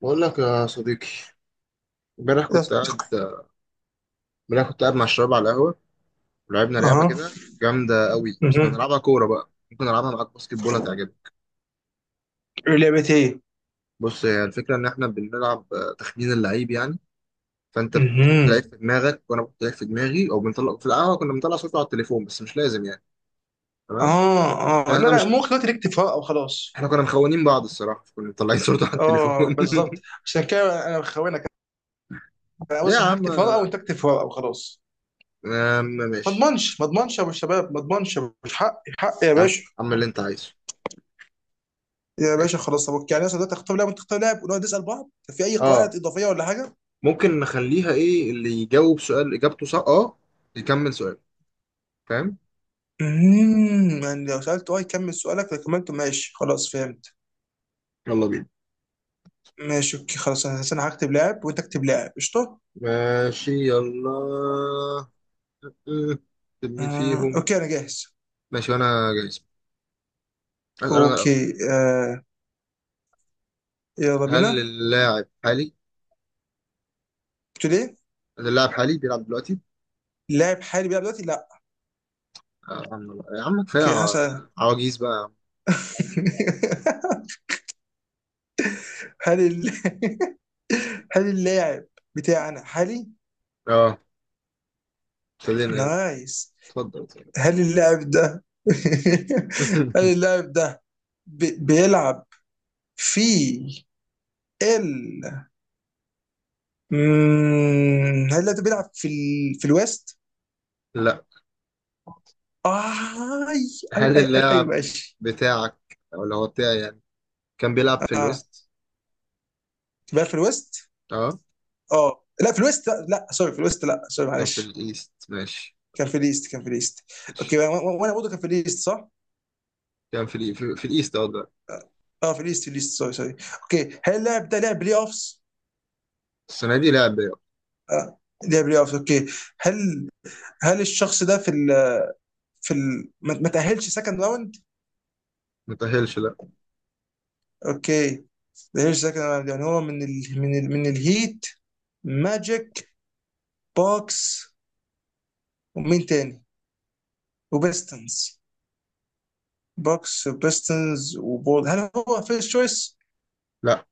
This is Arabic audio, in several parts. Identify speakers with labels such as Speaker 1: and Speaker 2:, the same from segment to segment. Speaker 1: بقول لك يا صديقي. امبارح كنت قاعد
Speaker 2: اها.
Speaker 1: امبارح كنت قاعد مع الشباب على القهوة. ولعبنا لعبة
Speaker 2: اها.
Speaker 1: كده جامدة قوي، بس بنلعبها كورة بقى، ممكن ألعبها معاك باسكت بول، هتعجبك.
Speaker 2: لعبتين
Speaker 1: بص، هي الفكرة إن إحنا بنلعب تخمين اللعيب يعني. فأنت بتحط لعيب
Speaker 2: مهم.
Speaker 1: في دماغك وأنا بحط لعيب في دماغي، أو بنطلع في القهوة كنا بنطلع صورته على التليفون، بس مش لازم يعني. تمام.
Speaker 2: اه. اه
Speaker 1: عشان
Speaker 2: لا،
Speaker 1: إحنا
Speaker 2: لا
Speaker 1: مش،
Speaker 2: ممكن دلوقتي نكتب فراغ او خلاص.
Speaker 1: إحنا كنا مخونين بعض الصراحة، كنا مطلعين صورته على التليفون
Speaker 2: اه بالظبط عشان كده انا بخونك. انا
Speaker 1: ليه يا
Speaker 2: بص، انا
Speaker 1: عم؟
Speaker 2: هكتب فراغ او انت اكتب فراغ او خلاص. ما
Speaker 1: ماشي.
Speaker 2: اضمنش ما اضمنش يا ابو الشباب، ما اضمنش. مش حقي، حقي يا
Speaker 1: يا عم
Speaker 2: باشا.
Speaker 1: اعمل اللي أنت عايزه.
Speaker 2: يا باشا
Speaker 1: ماشي.
Speaker 2: خلاص، طب يعني مثلا دلوقتي اختار لاعب وانت تختار لاعب ونقعد نسال بعض. في اي قواعد
Speaker 1: اه
Speaker 2: اضافيه ولا حاجه؟
Speaker 1: ممكن نخليها ايه اللي يجاوب سؤال اجابته صح اه يكمل سؤال. فاهم؟
Speaker 2: يعني لو سالت اه يكمل سؤالك، لو كملته ماشي، خلاص فهمت.
Speaker 1: يلا بينا.
Speaker 2: ماشي اوكي خلاص، انا هكتب لاعب وانت اكتب لاعب قشطه.
Speaker 1: ماشي يلا. مم. طب مين فيهم؟
Speaker 2: اوكي انا جاهز.
Speaker 1: ماشي وانا جايز. اسال انا الاول.
Speaker 2: اوكي يلا
Speaker 1: هل
Speaker 2: بينا.
Speaker 1: اللاعب حالي؟
Speaker 2: قلت له ليه؟
Speaker 1: هل اللاعب حالي بيلعب دلوقتي؟
Speaker 2: لاعب حالي بيلعب دلوقتي؟ لا.
Speaker 1: يا عم يا عم كفايه
Speaker 2: اوكي هسأل.
Speaker 1: عواجيز بقى.
Speaker 2: هل ال... هل اللاعب بتاعنا حالي؟
Speaker 1: يا عم. اه ابتدينا يلا.
Speaker 2: نايس.
Speaker 1: اتفضل اتفضل.
Speaker 2: هل اللاعب ده هل اللاعب ده بيلعب في ال هل اللاعب ده بيلعب في في الويست؟
Speaker 1: لا.
Speaker 2: اي
Speaker 1: هل
Speaker 2: أي،
Speaker 1: اللاعب
Speaker 2: ماشي.
Speaker 1: بتاعك او اللي هو بتاعي يعني كان بيلعب في
Speaker 2: اه
Speaker 1: الويست؟
Speaker 2: بيلعب في الويست.
Speaker 1: اه.
Speaker 2: اه لا، في الويست لا, لا. سوري، في الويست لا، سوري
Speaker 1: كان في
Speaker 2: معلش.
Speaker 1: الايست ماشي.
Speaker 2: كان في ليست، كان في ليست.
Speaker 1: ماشي.
Speaker 2: اوكي وانا برضه كان في ليست صح؟
Speaker 1: كان في الإي- في, في الايست اه دلوقتي.
Speaker 2: اه في ليست، في ليست، سوري سوري. اوكي، هل اللاعب ده لعب بلاي اوفس؟
Speaker 1: السنه دي لعب بقى.
Speaker 2: آه لعب بلاي اوفس اوكي. هل هل الشخص ده في في ال ما تأهلش سكند راوند؟
Speaker 1: متأهلش لا.
Speaker 2: اوكي، ما تأهلش سكند راوند، يعني هو من ال من ال من الهيت، ماجيك، بوكس، ومين تاني؟ وبيستنز. بوكس وبيستنز وبول. هل هو فيرست تشويس؟
Speaker 1: لا.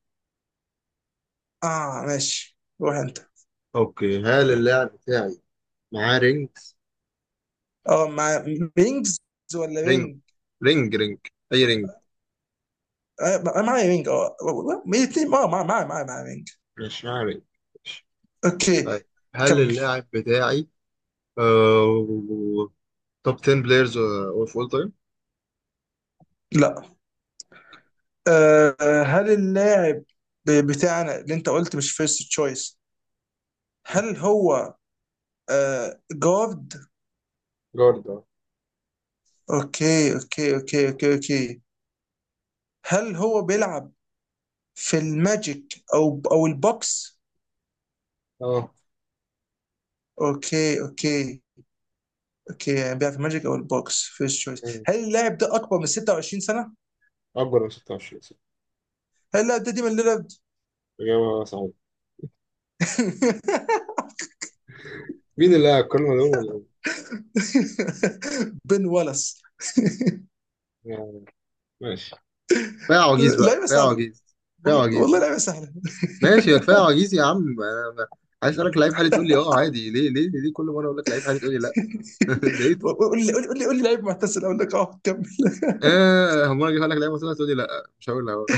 Speaker 2: اه ماشي روح انت.
Speaker 1: اوكي. هل اللاعب بتاعي معاه رينج؟
Speaker 2: اه، مع بينجز ولا
Speaker 1: رينج
Speaker 2: بينج؟
Speaker 1: رينج رينج. اي رينج.
Speaker 2: معايا وينج اه. الاثنين اه، معايا وينج.
Speaker 1: مش معاه رينج. ماشي.
Speaker 2: اوكي
Speaker 1: طيب، هل
Speaker 2: كمل.
Speaker 1: اللاعب بتاعي توب 10 بلايرز اوف اول تايم؟
Speaker 2: لا آه، هل اللاعب بتاعنا اللي انت قلت مش فيرست تشويس، هل هو جارد؟
Speaker 1: جارد اه.
Speaker 2: اوكي اوكي. هل هو بيلعب في الماجيك او البوكس؟
Speaker 1: اه.
Speaker 2: اوكي اوكي. اوكي يعني بيلعب في الماجيك او البوكس فيرست تشويس.
Speaker 1: مم.
Speaker 2: هل اللاعب ده اكبر من 26 سنة؟
Speaker 1: اكبر من 26 صح.
Speaker 2: هل اللاعب ده ديمون ليلارد؟
Speaker 1: اجابه صحيحه. مين اللي قال الكلمه دول ولا-
Speaker 2: بن والاس.
Speaker 1: يعني. ماشي. كفايه عواجيز بقى،
Speaker 2: لعيبه
Speaker 1: كفايه
Speaker 2: سهله،
Speaker 1: عواجيز، كفايه
Speaker 2: والله
Speaker 1: عواجيز.
Speaker 2: والله لعيبه سهله.
Speaker 1: ماشي يا كفايه عجيز، يا عم أنا- أنا عايز اسالك لعيب حالي تقول لي اه عادي، ليه ليه ليه كل مره اقول لك لعيب حالي تقول لي لا؟ ده ايه ده؟
Speaker 2: قول لي لعيب معتزل اقول لك اه كمل.
Speaker 1: اه هم انا اجيب لك لعيب مثلا تقول لي لا، مش هقول لا.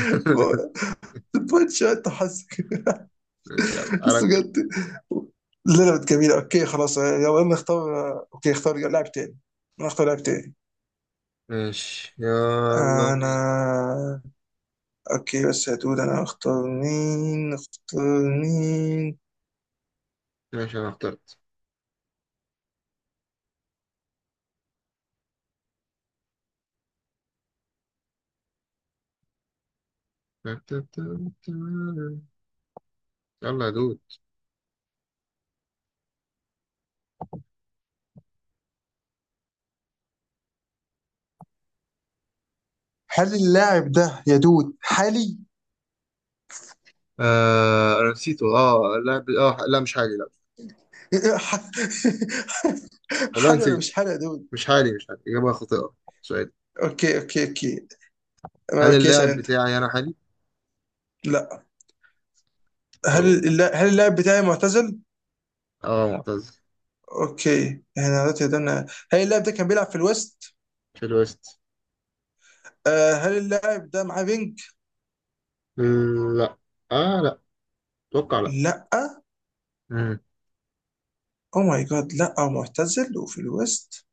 Speaker 2: بوينت شوت حظك.
Speaker 1: ماشي يا عم، تعالى
Speaker 2: بس
Speaker 1: نكمل.
Speaker 2: بجد لا لا، جميلة. اوكي خلاص يلا نختار، اوكي اختار لاعب تاني. انا اختار لاعب تاني
Speaker 1: ماشي يلا
Speaker 2: انا.
Speaker 1: بينا.
Speaker 2: اوكي بس يا دود انا اختار مين، اختار مين؟
Speaker 1: ماشي انا اخترت. يلا يا دود.
Speaker 2: هل اللاعب ده يا دود حالي؟
Speaker 1: آه انا نسيته اه اللاعب، اه لا مش حالي لا. والله
Speaker 2: حالي ولا
Speaker 1: نسيت.
Speaker 2: مش حالي يا دود؟
Speaker 1: مش حالي مش حالي، اجابه خاطئه. سؤال.
Speaker 2: اوكي اوكي اوكي
Speaker 1: هل
Speaker 2: اوكي اسال
Speaker 1: اللاعب
Speaker 2: انت.
Speaker 1: بتاعي انا حالي؟
Speaker 2: لا.
Speaker 1: يو.
Speaker 2: هل اللاعب بتاعي معتزل؟
Speaker 1: اه معتزل.
Speaker 2: اوكي احنا دلوقتي قدرنا. هل اللاعب ده كان بيلعب في الويست؟
Speaker 1: في الويست.
Speaker 2: آه هل اللاعب ده معاه بينج؟
Speaker 1: لا. اه لا. اتوقع لا.
Speaker 2: لا.
Speaker 1: مم.
Speaker 2: او ماي جاد، لا معتزل وفي الويست.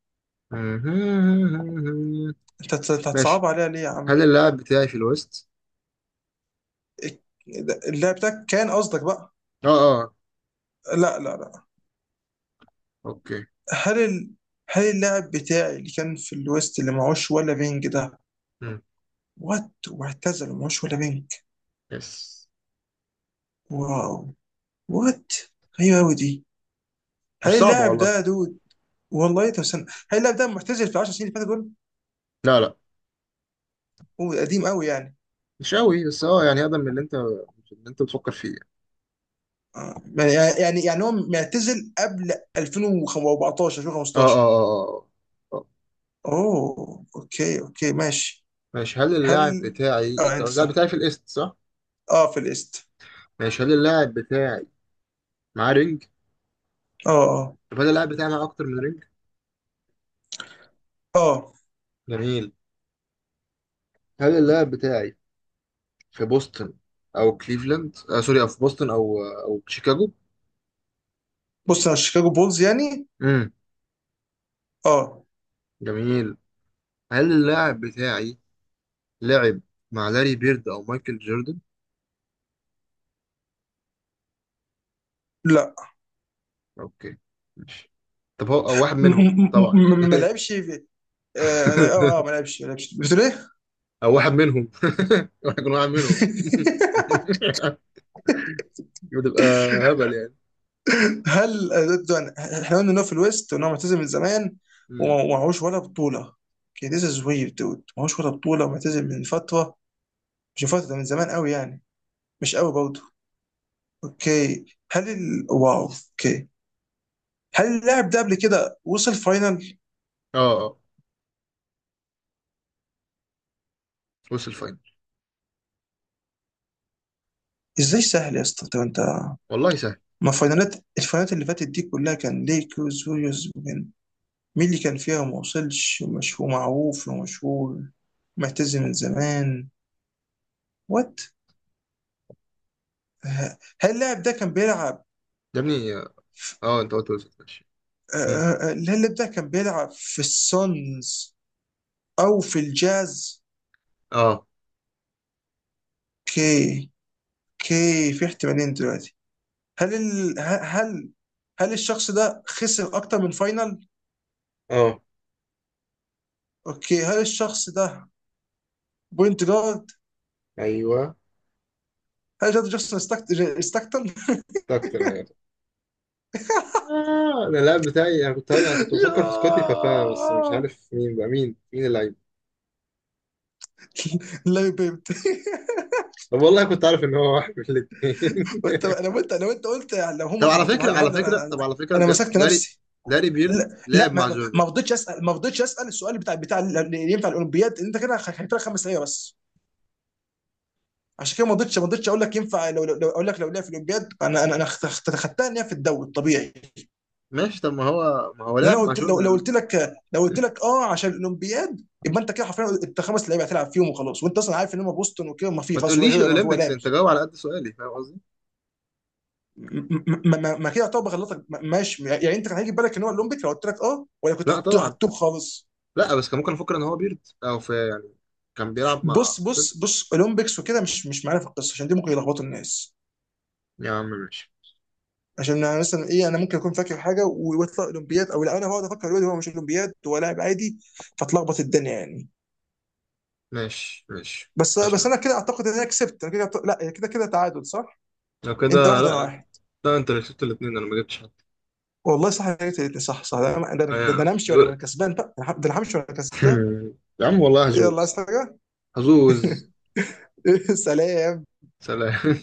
Speaker 1: مم.
Speaker 2: انت هتصعب
Speaker 1: ماشي،
Speaker 2: عليها ليه يا عم؟
Speaker 1: هل اللاعب بتاعي في الويست؟
Speaker 2: إك- اللاعب ده كان قصدك بقى.
Speaker 1: اه اه.
Speaker 2: لا لا لا.
Speaker 1: اوكي.
Speaker 2: هل ال... هل اللاعب بتاعي اللي كان في الويست اللي معهوش ولا بينج ده،
Speaker 1: مم.
Speaker 2: وات، واعتزل ومعهوش ولا بينج.
Speaker 1: يس.
Speaker 2: واو. وات. غريبة أوي دي. هل
Speaker 1: مش صعبة
Speaker 2: اللاعب
Speaker 1: والله.
Speaker 2: ده يا دود، والله طب استنى، هل اللاعب ده معتزل في 10 سنين اللي فاتوا دول؟
Speaker 1: لا لا.
Speaker 2: هو قديم قوي يعني؟
Speaker 1: مش قوي بس اه يعني اقدم من اللي انت اللي انت بتفكر فيه يعني.
Speaker 2: آه، يعني يعني هو معتزل قبل 2014
Speaker 1: اه اه
Speaker 2: 2015؟
Speaker 1: اه اه آه.
Speaker 2: اوه اوكي اوكي ماشي.
Speaker 1: ماشي، هل
Speaker 2: هل
Speaker 1: اللاعب بتاعي
Speaker 2: اه
Speaker 1: انت،
Speaker 2: انت
Speaker 1: اللاعب
Speaker 2: صح،
Speaker 1: بتاعي في الايست صح؟
Speaker 2: اه في الايست.
Speaker 1: ماشي، هل اللاعب بتاعي معاه رينج؟
Speaker 2: اه
Speaker 1: طب هل اللاعب بتاعي معاه اكتر من رينج؟
Speaker 2: اه اه.
Speaker 1: جميل. هل اللاعب بتاعي في بوسطن او كليفلاند؟ سوري، او في بوسطن او او شيكاغو؟
Speaker 2: بص انا شيكاغو بولز يعني.
Speaker 1: امم
Speaker 2: اه.
Speaker 1: جميل. هل اللاعب بتاعي لعب مع لاري بيرد او مايكل جوردن؟
Speaker 2: لا
Speaker 1: اوكي ماشي. طب هو او واحد منهم طبعا
Speaker 2: ما
Speaker 1: يعني.
Speaker 2: لعبش في- اه ما لعب- اه ما لعبش، ما لعبش، بتقول ايه؟
Speaker 1: او واحد منهم راح يكون واحد منهم بتبقى هبل يعني.
Speaker 2: هل ضد، احنا قلنا انه في الويست وان هو معتزل من زمان
Speaker 1: مم.
Speaker 2: ومعهوش ولا بطوله. اوكي ذيس از ويرد دود، معهوش ولا بطوله ومعتزل من فتره، مش من فتره، ده من زمان قوي يعني؟ مش قوي برضه. اوكي واو. اوكي هل اللاعب ده قبل كده وصل فاينل؟
Speaker 1: اه اه وصل الفاينل.
Speaker 2: ازاي سهل يا اسطى، طب انت
Speaker 1: والله سهل.
Speaker 2: ما فاينالات الفاينالات اللي فاتت دي كلها كان ليكرز ويوز، مين مين اللي كان فيها وما وصلش ومش ومعروف ومشهور معتزل من زمان؟ وات. هل اللاعب ده كان بيلعب
Speaker 1: يا ابني اه انت قلت وصل ماشي.
Speaker 2: آه،
Speaker 1: مم.
Speaker 2: الهلب ده كان بيلعب في السونز او في الجاز؟
Speaker 1: اه
Speaker 2: كي. كي في احتمالين دلوقتي. هل ال... ه- هل هل الشخص ده خسر اكتر من فاينل؟
Speaker 1: اه
Speaker 2: اوكي هل الشخص ده بوينت جارد؟
Speaker 1: ايوه
Speaker 2: هل ده جاستن ستاكتون؟
Speaker 1: اكتر حاجه. أنا اللاعب بتاعي، أنا كنت هقول، أنا كنت بفكر في سكوتي بابا، بس مش
Speaker 2: ياه!
Speaker 1: عارف مين بقى، مين اللعيب.
Speaker 2: لا بيبت.
Speaker 1: طب والله كنت عارف إن هو واحد من الاتنين.
Speaker 2: وانت لو انت قلت لو هم
Speaker 1: طب على
Speaker 2: حبتوا
Speaker 1: فكرة
Speaker 2: حاجه
Speaker 1: على
Speaker 2: هبل
Speaker 1: فكرة
Speaker 2: انا،
Speaker 1: طب على فكرة
Speaker 2: انا
Speaker 1: بجد،
Speaker 2: مسكت
Speaker 1: لاري،
Speaker 2: نفسي.
Speaker 1: لاري بيرد
Speaker 2: لا لا،
Speaker 1: لعب مع
Speaker 2: ما
Speaker 1: جوردن.
Speaker 2: ما رضيتش اسال، ما رضيتش اسال السؤال بتاع اللي ينفع الاولمبياد، انت كده خدت لك خمس اسئله بس. عشان كده ما رضيتش، ما رضيتش اقول لك ينفع، اقول لك لو لعب في الاولمبياد، انا انا انا خدتها ان هي في الدوري الطبيعي.
Speaker 1: ماشي طب ما هو
Speaker 2: لان
Speaker 1: لعب
Speaker 2: انا
Speaker 1: مع
Speaker 2: قلت لو، لو
Speaker 1: جوردن.
Speaker 2: قلت لك لو قلت لك اه عشان الاولمبياد، يبقى انت كده حرفيا انت خمس لعيبه هتلعب فيهم وخلاص، وانت اصلا عارف ان هم بوسطن وكده، ما في
Speaker 1: ما
Speaker 2: خلاص، هو
Speaker 1: تقوليش
Speaker 2: هو ما هو
Speaker 1: الأولمبيكس،
Speaker 2: لاعب.
Speaker 1: أنت جاوب على قد سؤالي، فاهم قصدي؟
Speaker 2: ما كده يعتبر غلطك ماشي؟ يعني انت كان هيجي في بالك ان هو الاولمبيك لو قلت لك اه، ولا كنت
Speaker 1: لا
Speaker 2: حطيته
Speaker 1: طبعا.
Speaker 2: خالص؟
Speaker 1: لا بس كان ممكن أفكر إن هو بيرد أو في يعني كان بيلعب مع.
Speaker 2: بص اولمبيكس وكده مش مش معانا في القصه، عشان دي ممكن يلخبطوا الناس.
Speaker 1: يا عم ماشي
Speaker 2: عشان انا مثلا ايه، انا ممكن اكون فاكر حاجه ويطلع اولمبياد، او لا انا بقعد افكر دلوقتي هو مش اولمبياد، هو لاعب عادي، فتلخبط الدنيا يعني.
Speaker 1: ماشي ماشي
Speaker 2: بس
Speaker 1: ماشي يا
Speaker 2: بس
Speaker 1: عم.
Speaker 2: انا كده اعتقد ان انا كسبت، انا كده لا كده كده تعادل صح؟
Speaker 1: لو
Speaker 2: انت
Speaker 1: كده،
Speaker 2: واحد انا
Speaker 1: لا
Speaker 2: واحد.
Speaker 1: لا، أنت اللي كسبت الاتنين، أنا ما جبتش حد.
Speaker 2: والله صح، أنا جبت الاتنين، صح صح.
Speaker 1: آه يا
Speaker 2: ده
Speaker 1: عم.
Speaker 2: أنا همشي وانا كسبان بقى، ده انا همشي وانا كسبان.
Speaker 1: يا عم والله
Speaker 2: يلا
Speaker 1: هزوز،
Speaker 2: عايز حاجه؟
Speaker 1: هزوز.
Speaker 2: سلام.
Speaker 1: سلام.